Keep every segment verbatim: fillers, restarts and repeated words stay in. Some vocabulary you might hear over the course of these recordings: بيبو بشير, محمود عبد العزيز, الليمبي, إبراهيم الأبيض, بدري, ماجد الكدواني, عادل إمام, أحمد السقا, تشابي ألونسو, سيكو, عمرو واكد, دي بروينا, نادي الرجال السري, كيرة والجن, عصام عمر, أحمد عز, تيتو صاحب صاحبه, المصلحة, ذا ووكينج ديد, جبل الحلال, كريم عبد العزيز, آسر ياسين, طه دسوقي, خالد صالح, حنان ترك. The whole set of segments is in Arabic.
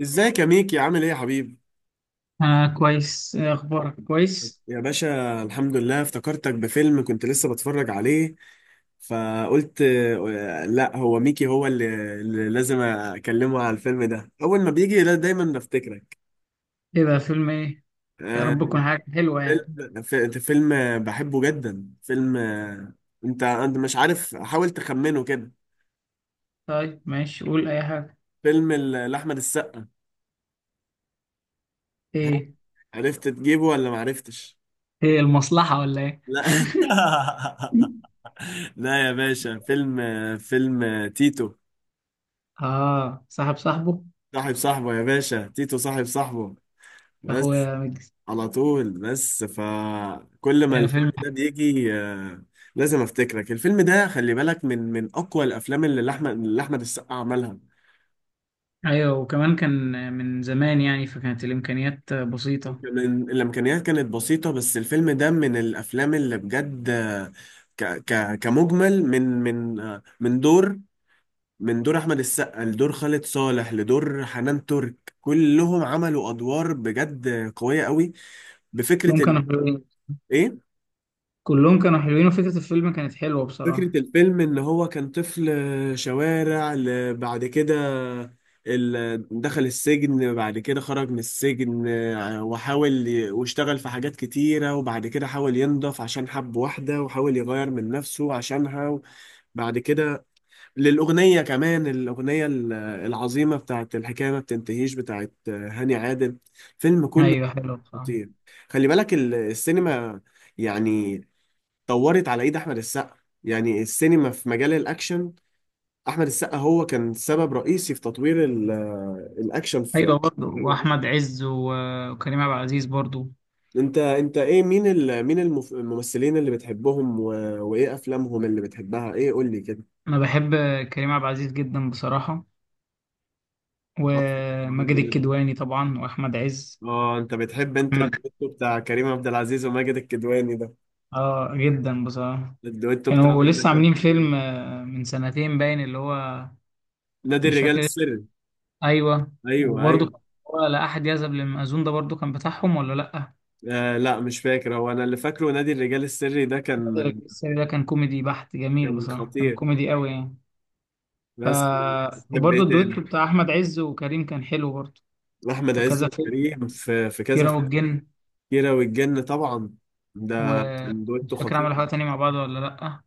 ازيك يا ميكي، عامل ايه يا حبيبي؟ آه، كويس. إيه أخبارك؟ كويس. يا باشا، الحمد لله. افتكرتك بفيلم كنت لسه بتفرج عليه. فقلت آه، لا، هو ميكي هو اللي, اللي لازم اكلمه على الفيلم ده اول ما بيجي. لا، دايما بفتكرك. إيه ده؟ فيلم إيه؟ يا رب آه، تكون حاجة حلوة يعني. فيلم ف- فيلم بحبه جدا. فيلم آه، انت انت مش عارف، حاول تخمنه كده. طيب، ماشي، قول أي حاجة. فيلم ال- لاحمد السقا. ها؟ إيه عرفت تجيبه ولا ما عرفتش؟ إيه المصلحة ولا إيه؟ لا. لا يا باشا، فيلم فيلم تيتو. آه، صاحب صاحبه. صاحب صاحبه يا باشا، تيتو صاحب صاحبه. بس أخويا مجلس. على طول. بس فكل ما آه، الفيلم فيلم. ده بيجي آه، لازم افتكرك. الفيلم ده، خلي بالك، من من اقوى الافلام اللي احمد اللي احمد السقا عملها. أيوة، وكمان كان من زمان يعني، فكانت الإمكانيات بسيطة. كمان الامكانيات كانت بسيطه، بس الفيلم ده من الافلام اللي بجد آه، ك ك كمجمل من من آه، من دور من دور احمد السقا لدور خالد صالح لدور حنان ترك. كلهم عملوا ادوار بجد قويه قوي. بفكره كلهم كانوا ال... حلوين. ايه، كلهم كانوا حلوين وفكرة الفيلم كانت حلوة بصراحة. فكرة الفيلم إن هو كان طفل شوارع، ل- بعد كده ال- دخل السجن. بعد كده خرج من السجن آه، وحاول ي- واشتغل في حاجات كتيرة، وبعد كده حاول ينضف عشان حب واحدة، وحاول يغير من نفسه عشانها. بعد كده للأغنية كمان، الأغنية ال- العظيمة بتاعت الحكاية ما بتنتهيش بتاعت هاني عادل. فيلم كله أيوة، حلوة بصراحة. خطير. خلي بالك ال- السينما يعني طورت على ايد احمد السقا. يعني السينما في مجال الاكشن، احمد السقا هو كان سبب رئيسي في تطوير ال- آه، الاكشن في. أيوة برضه، وأحمد عز و- وكريم عبد العزيز برضه. انت انت ايه، مين ال... مين المف- الممثلين اللي بتحبهم و... وايه افلامهم اللي بتحبها؟ ايه، قول لي كده. أنا بحب كريم عبد العزيز جدا بصراحة، تحفة، وماجد بحبه جدا. الكدواني طبعا واحمد عز. اه، انت بتحب انت محمد. الدويتو بتاع كريم عبد العزيز وماجد الكدواني ده. اه، جدا بصراحه. الدويتو كانوا بتاعهم ده لسه كان عاملين خطير. فيلم آه، من سنتين باين، اللي هو نادي مش الرجال فاكر اسمه. السري. ايوه، ايوه، وبرضه ايوه. كان، هو لا احد يذهب للمأذون ده برضه كان بتاعهم ولا لا؟ آه، لا مش فاكر، هو انا اللي فاكره نادي الرجال السري ده بدر كان. الجسري ده كان كوميدي بحت، جميل كان بصراحه، كان خطير. كوميدي قوي يعني. ف بس. بتحب وبرضه ايه تاني؟ الدويتو بتاع احمد عز وكريم كان حلو برضه. لأحمد في عز كذا فيلم. وكريم في في كذا كيرة فيلم. والجن. كيرة والجن طبعا، ده كان دويتو ومش فاكر خطير. عملوا حاجه تانية مع بعض ولا لا.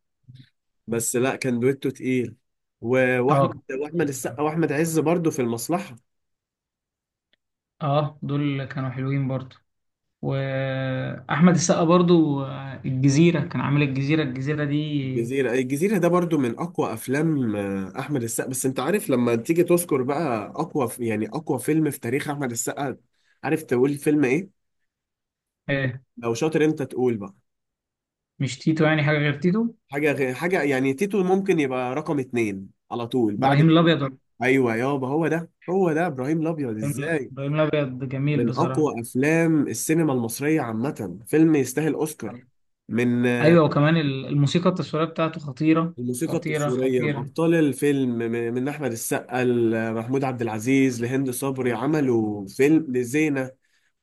بس لا، كان دويتو تقيل. و- اه، كان واحمد واحمد حلو السقا بصراحه. واحمد عز برضو في المصلحة. اه، دول كانوا حلوين برضه. واحمد السقا برضو آه، الجزيره، كان عامل الجزيره الجزيره دي. الجزيرة الجزيرة ده برضو من أقوى أفلام آه، أحمد السقا، بس أنت عارف لما تيجي تذكر بقى أقوى، ف- يعني أقوى فيلم في تاريخ أحمد السقا. عارف تقول فيلم إيه؟ آه، لو شاطر أنت تقول بقى. مش تيتو يعني، حاجه غير تيتو. حاجة غير حاجة، يعني تيتو ممكن يبقى رقم اتنين على طول ابراهيم بعد. الابيض ولا- ايوه يابا، هو ده هو ده ابراهيم الابيض ابراهيم ازاي. إبراهيم الابيض جميل من بصراحه. اقوى افلام السينما المصريه عامه، فيلم يستاهل اوسكار. من آه، ايوه، وكمان ال- الموسيقى التصويريه بتاعته خطيره. الموسيقى خطيره التصويريه خطيره بابطال الفيلم م- من احمد السقا لمحمود عبد العزيز لهند صبري، عملوا فيلم لزينه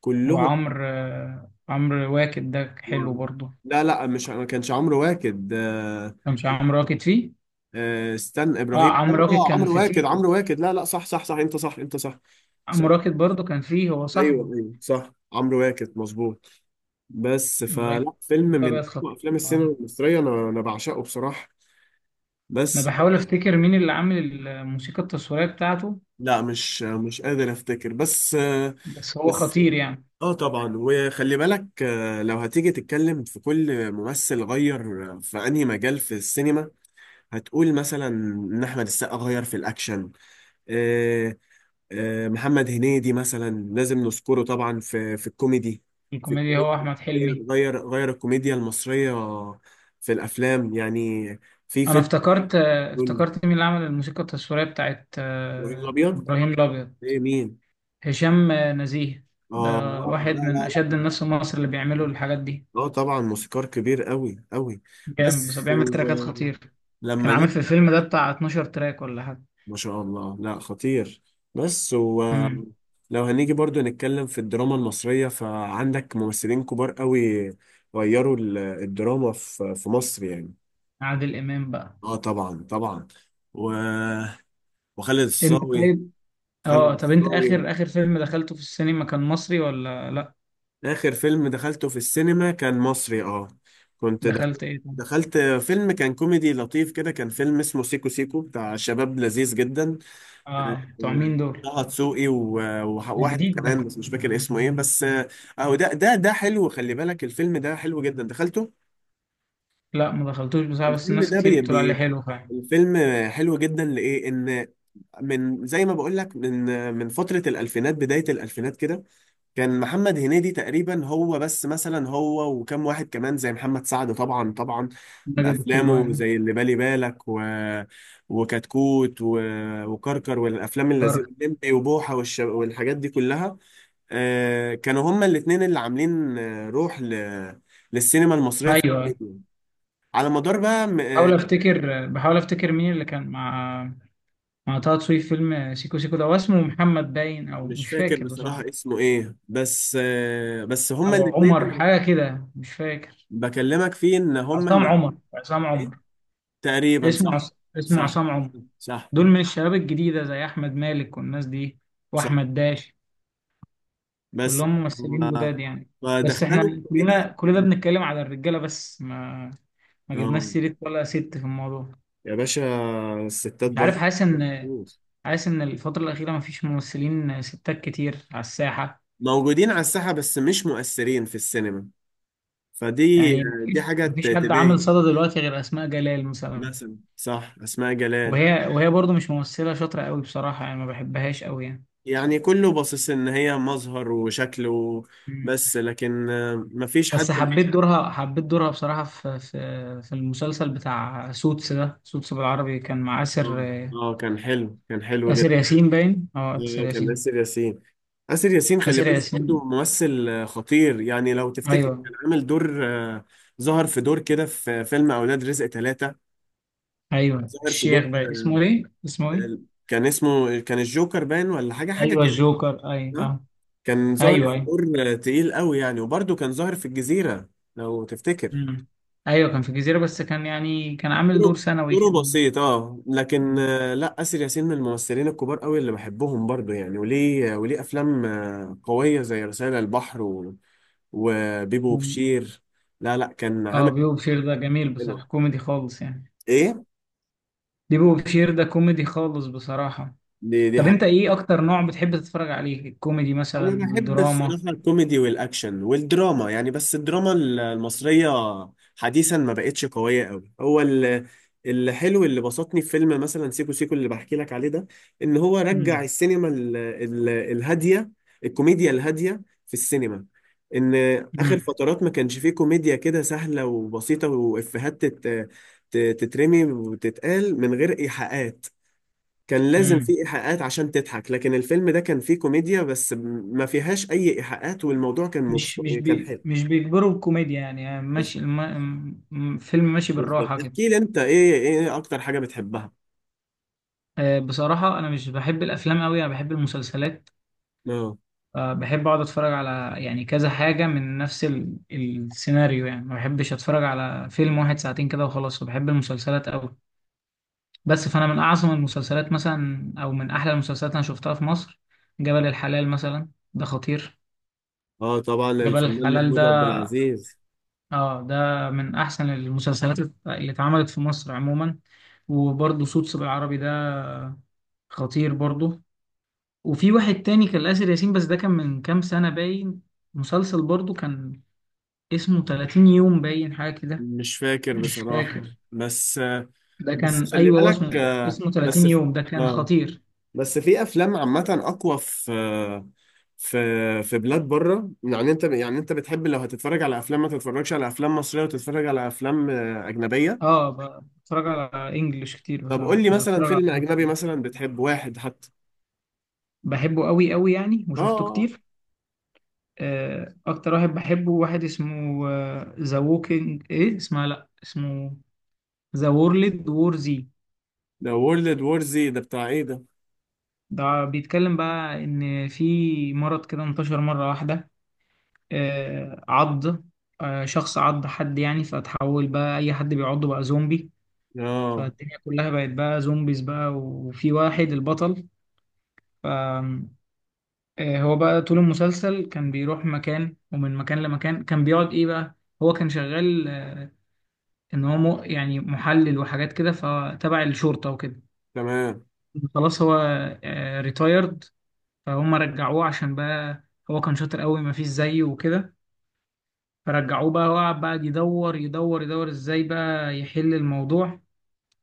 كلهم. وعمرو آه، عمرو واكد ده حلو و- برضو. لا، لا، مش ما كانش عمرو واكد. آه، كانش عمرو واكد فيه؟ آه، استنى اه، ابراهيم. عمرو واكد اه، كان عمرو في واكد، تيتو. عمرو واكد، لا، لا، صح، صح، صح، انت صح، انت صح. صح، عمرو واكد برضو كان فيه، هو صاحبه. ايوه، ايوه، صح عمرو واكد مظبوط. بس، ابراهيم فلا فيلم من الابيض أقوى خطير. افلام السينما آه. المصريه، انا انا بعشقه بصراحه. انا بس. بحاول افتكر مين اللي عامل الموسيقى التصويريه بتاعته. لا، مش مش قادر افتكر. بس. بس هو بس خطير يعني. اه طبعا، وخلي بالك آه، لو هتيجي تتكلم في كل ممثل غير في انهي مجال في السينما، هتقول مثلا ان احمد السقا غير في الاكشن. آه، آه، محمد هنيدي مثلا لازم نذكره طبعا في في الكوميدي. في الكوميديا الكوميدي. هو احمد غير حلمي. غير غير الكوميديا المصريه في الافلام يعني، في انا فيلم. افتكرت، آه، قول، افتكرت مين اللي عمل الموسيقى التصويريه بتاعت ابراهيم آه، الابيض. ابراهيم الابيض. ايه، مين؟ هشام آه، نزيه. اه، ده آه، واحد لا، لا. من لا اشد الناس في مصر اللي بيعملوا الحاجات دي. اه طبعا، موسيقار كبير قوي قوي. جامد، بس بس بيعمل هو تراكات خطير. كان لما عامل في نيجي. الفيلم ده بتاع اتناشر تراك ولا حاجه. ما شاء الله، لا، خطير. بس هو، امم لو هنيجي برضو نتكلم في الدراما المصرية، فعندك ممثلين كبار قوي غيروا ال- الدراما في في مصر يعني. عادل امام بقى. اه طبعا طبعا. و... وخالد انت الصاوي. طيب. خالد اه طب، انت الصاوي. اخر اخر فيلم دخلته في السينما كان مصري ولا لا؟ آخر فيلم دخلته في السينما كان مصري، اه. كنت دخلت. دخلت ايه ده؟ دخلت فيلم كان كوميدي لطيف كده، كان فيلم اسمه سيكو سيكو بتاع شباب لذيذ جدا. آه، اه، بتوع مين دول؟ طه دسوقي و- ده وواحد جديد. كمان، بس مش فاكر اسمه ايه. بس اهو ده ده ده حلو، خلي بالك الفيلم ده حلو جدا، دخلته. لا، ما دخلتوش بصراحة، بس الفيلم الناس ده كتير بي بتقول عليه بي حلو فعلا. الفيلم حلو جدا لإيه؟ إن، من زي ما بقول لك، من من فترة الألفينات، بداية الألفينات كده، كان محمد هنيدي تقريبا هو بس مثلا، هو وكم واحد كمان زي محمد سعد، طبعا طبعا، ماجد بأفلامه الكدواني. زي اللي بالي بالك، و... وكتكوت، و... وكركر والأفلام اللذيذة طارق. الليمبي وبوحة والش... والحاجات دي كلها. آه كانوا هما الاتنين اللي عاملين آه، روح ل... للسينما المصرية ايوه، في أيوة. الفيديو. على مدار بقى. م... بحاول آه، افتكر بحاول افتكر مين اللي كان مع مع طه دسوقي في فيلم سيكو سيكو ده. هو اسمه محمد باين، او مش مش فاكر فاكر بصراحة. بصراحة اسمه ايه. بس آه بس هما او الاتنين عمر، اللي حاجة كده، مش فاكر. بكلمك فيه ان هما عصام الاتنين عمر، عصام عمر. تقريبا اسمه صح. عص... اسمه صح، عصام عمر. صح، دول من الشباب الجديدة، زي احمد مالك والناس دي، صح. واحمد داش. بس كلهم ممثلين هو- جداد يعني. بس فدخلوا احنا الكوميديا. كلنا كل ده بنتكلم على الرجالة بس، ما ما جبناش اه سيرة ولا ست في الموضوع. يا باشا، الستات مش عارف، برضه حاسس ان حاسس ان الفترة الأخيرة مفيش ممثلين ستات كتير على الساحة. موجودين على الساحة، بس مش مؤثرين في السينما. فدي، يعني دي مفيش حاجة ت- مفيش حد عامل تضايق. صدى دلوقتي غير أسماء جلال مثلا. مثلا صح، أسماء جلال. وهي وهي برضو مش ممثلة شاطرة قوي بصراحة يعني، ما بحبهاش قوي يعني. يعني كله باصص إن هي مظهر وشكله. مم. بس لكن آه، مفيش حد. بس حبيت دورها، حبيت دورها بصراحة، في في في المسلسل بتاع سوتس ده. سوتس بالعربي كان مع آسر. اه، آه، كان حلو، كان حلو آسر جدا. ياسين باين، اه، آسر آه، كان ياسين. آسر ياسين. آسر ياسين، خلي آسر بالك ياسين. برضو ممثل آه، خطير يعني، لو تفتكر ايوه، كان عامل دور آه، ظهر في دور كده في فيلم أولاد رزق ثلاثة. ايوه. ظهر في الشيخ، دور باين اسمه آه، ايه، اسمه ايه ال- كان اسمه، كان الجوكر باين ولا حاجة حاجة ايوه، كده. الجوكر، ايوه آه؟ اه. كان ظاهر ايوه، في ايوه. دور آه، تقيل قوي يعني، وبرضو كان ظاهر في الجزيرة لو تفتكر. مم. ايوه، كان في الجزيره، بس كان يعني كان عامل دور دوره ثانوي دوره كان. بسيط، اه لكن آه، لا آسر ياسين من الممثلين الكبار قوي اللي بحبهم برضو يعني، وليه وليه أفلام آه، قوية زي رسائل البحر وبيبو كان- بشير. لا، لا، كان اه، عامل بيبو بشير ده جميل حلو. بصراحه، كوميدي خالص يعني. ايه، بيبو بشير ده كوميدي خالص بصراحه. دي دي طب انت حاجة. ايه اكتر نوع بتحب تتفرج عليه؟ الكوميدي مثلا، انا بحب الدراما؟ الصراحه الكوميدي والاكشن والدراما يعني، بس الدراما ال- المصريه حديثا ما بقتش قويه قوي. هو ال- الحلو اللي بسطني في فيلم مثلا سيكو سيكو اللي بحكي لك عليه ده، ان هو رجع مم. السينما ال ال الهاديه. الكوميديا الهاديه في السينما. ان اخر مم. فترات ما كانش فيه كوميديا كده سهله وبسيطه، وافيهات تت- ت- تترمي وتتقال من غير ايحاءات. كان لازم مم. في إيحاءات عشان تضحك، لكن الفيلم ده كان فيه كوميديا بس، م- ما فيهاش أي إيحاءات، والموضوع كان مش مبس... مش كان بي حلو. مش بيجبروا الكوميديا يعني، يعني ماشي بالظبط. الم... م- فيلم ماشي بالظبط، بالراحه كده. احكي لي أنت، إيه إيه أكتر حاجة بتحبها؟ آه، بصراحة أنا مش بحب الأفلام أوي، أنا بحب المسلسلات. آه. آه، بحب اقعد اتفرج على يعني كذا حاجة من نفس ال- السيناريو يعني، ما بحبش اتفرج على فيلم واحد ساعتين كده وخلاص، وبحب المسلسلات قوي. بس فانا من اعظم المسلسلات مثلا، او من احلى المسلسلات انا شفتها في مصر، جبل الحلال مثلا، ده خطير. آه طبعا، جبل الفنان الحلال ده، محمود عبد العزيز. اه، ده من احسن المسلسلات اللي اتعملت في مصر عموما. وبرضه صوت بالعربي ده خطير برضه. وفي واحد تاني كان آسر ياسين، بس ده كان من كام سنة باين، مسلسل برضه كان اسمه تلاتين يوم باين، حاجة كده. مش فاكر مش بصراحة، فاكر. بس. ده بس كان، خلي أيوه، هو بالك اسمه آه، اسمه ثلاثين بس. يوم، ده كان آه خطير. بس في افلام عامه اقوى في في في بلاد بره. يعني انت، يعني انت بتحب لو هتتفرج على افلام، ما تتفرجش على افلام مصريه وتتفرج على افلام آه، اجنبيه. اه، ب- بتفرج على انجلش كتير طب بصراحة، قول لي مش مثلا بتفرج على فيلم اجنبي، مصري. مثلا بتحب واحد حتى. بحبه قوي قوي يعني، اه وشفته آه. كتير. آه، أكتر واحد بحبه، واحد اسمه ذا ووكينج، إيه اسمها، لأ اسمه ذا وورلد وور زي. ده وورلد وور زي ده بتاع ايه ده؟ ده بيتكلم بقى إن في مرض كده انتشر مرة واحدة. آه، عض آه، شخص عض حد يعني، فتحول بقى أي حد بيعضه بقى زومبي. اه، فالدنيا كلها بقت بقى زومبيز، بقى وفي واحد البطل. ف آه، هو بقى طول المسلسل كان بيروح مكان، ومن مكان لمكان كان بيقعد ايه بقى. هو كان شغال، آه، ان هو م- يعني محلل وحاجات كده، فتبع الشرطة وكده. تمام. خلاص هو ريتايرد، فهم رجعوه عشان بقى هو كان شاطر قوي مفيش زيه وكده. فرجعوه بقى، وقعد بقى يدور يدور يدور ازاي بقى يحل الموضوع.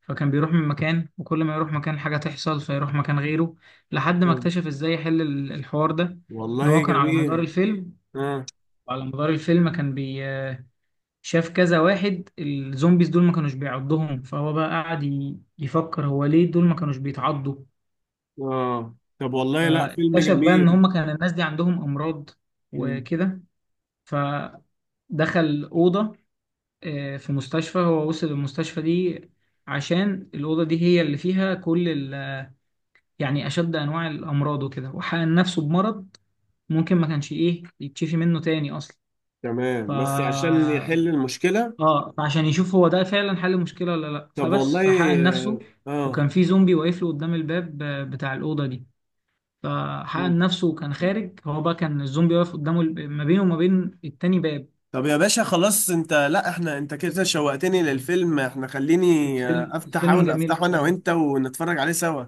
فكان بيروح من مكان، وكل ما يروح مكان حاجة تحصل فيروح مكان غيره، لحد ما طب اكتشف ازاي يحل ال- الحوار ده. ان هو والله كان على مدار جميل. الفيلم، اه، وعلى مدار الفيلم كان بي شاف كذا واحد الزومبيز دول ما كانوش بيعضهم. فهو بقى قعد ي- يفكر هو ليه دول ما كانوش بيتعضوا. اه، طب والله، لا فيلم فاكتشف بقى ان جميل. هما كان الناس دي عندهم امراض مم. وكده. فدخل أوضة آه، في مستشفى. هو وصل المستشفى دي عشان الأوضة دي هي اللي فيها كل يعني أشد أنواع الأمراض وكده، وحقن نفسه بمرض ممكن ما كانش إيه يتشفي منه تاني أصلا. ف تمام، بس عشان يحل المشكله. آه فعشان يشوف هو ده فعلا حل المشكلة ولا لأ، طب فبس والله. فحقن نفسه. وكان اه في زومبي واقف له قدام الباب آه، بتاع الأوضة دي. آه. فحقن نفسه وكان خارج، هو بقى كان الزومبي واقف قدامه، الب- ما بينه وما بين التاني باب. طب يا باشا، خلاص انت، لا احنا، انت كده شوقتني للفيلم، احنا، خليني آه، الفيلم افتح، الفيلم احاول جميل افتحه انا بصراحة. وانت ونتفرج عليه سوا،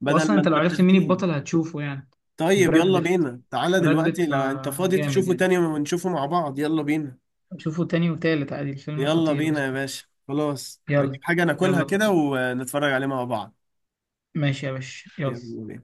بدل وأصلا ما أنت انت لو عرفت مين بتحكي لي. البطل هتشوفه يعني. طيب، براد يلا بيت. بينا تعالى براد دلوقتي بيت، لو انت آه، فاضي جامد تشوفه يعني. تاني ونشوفه مع بعض. يلا بينا. شوفوا تاني وتالت عادي، الفيلم يلا خطير. بينا يا باشا، خلاص هجيب يلا. حاجة ناكلها يلا. كده ونتفرج عليه مع بعض. ماشي يا باشا، يلا يلا. بينا.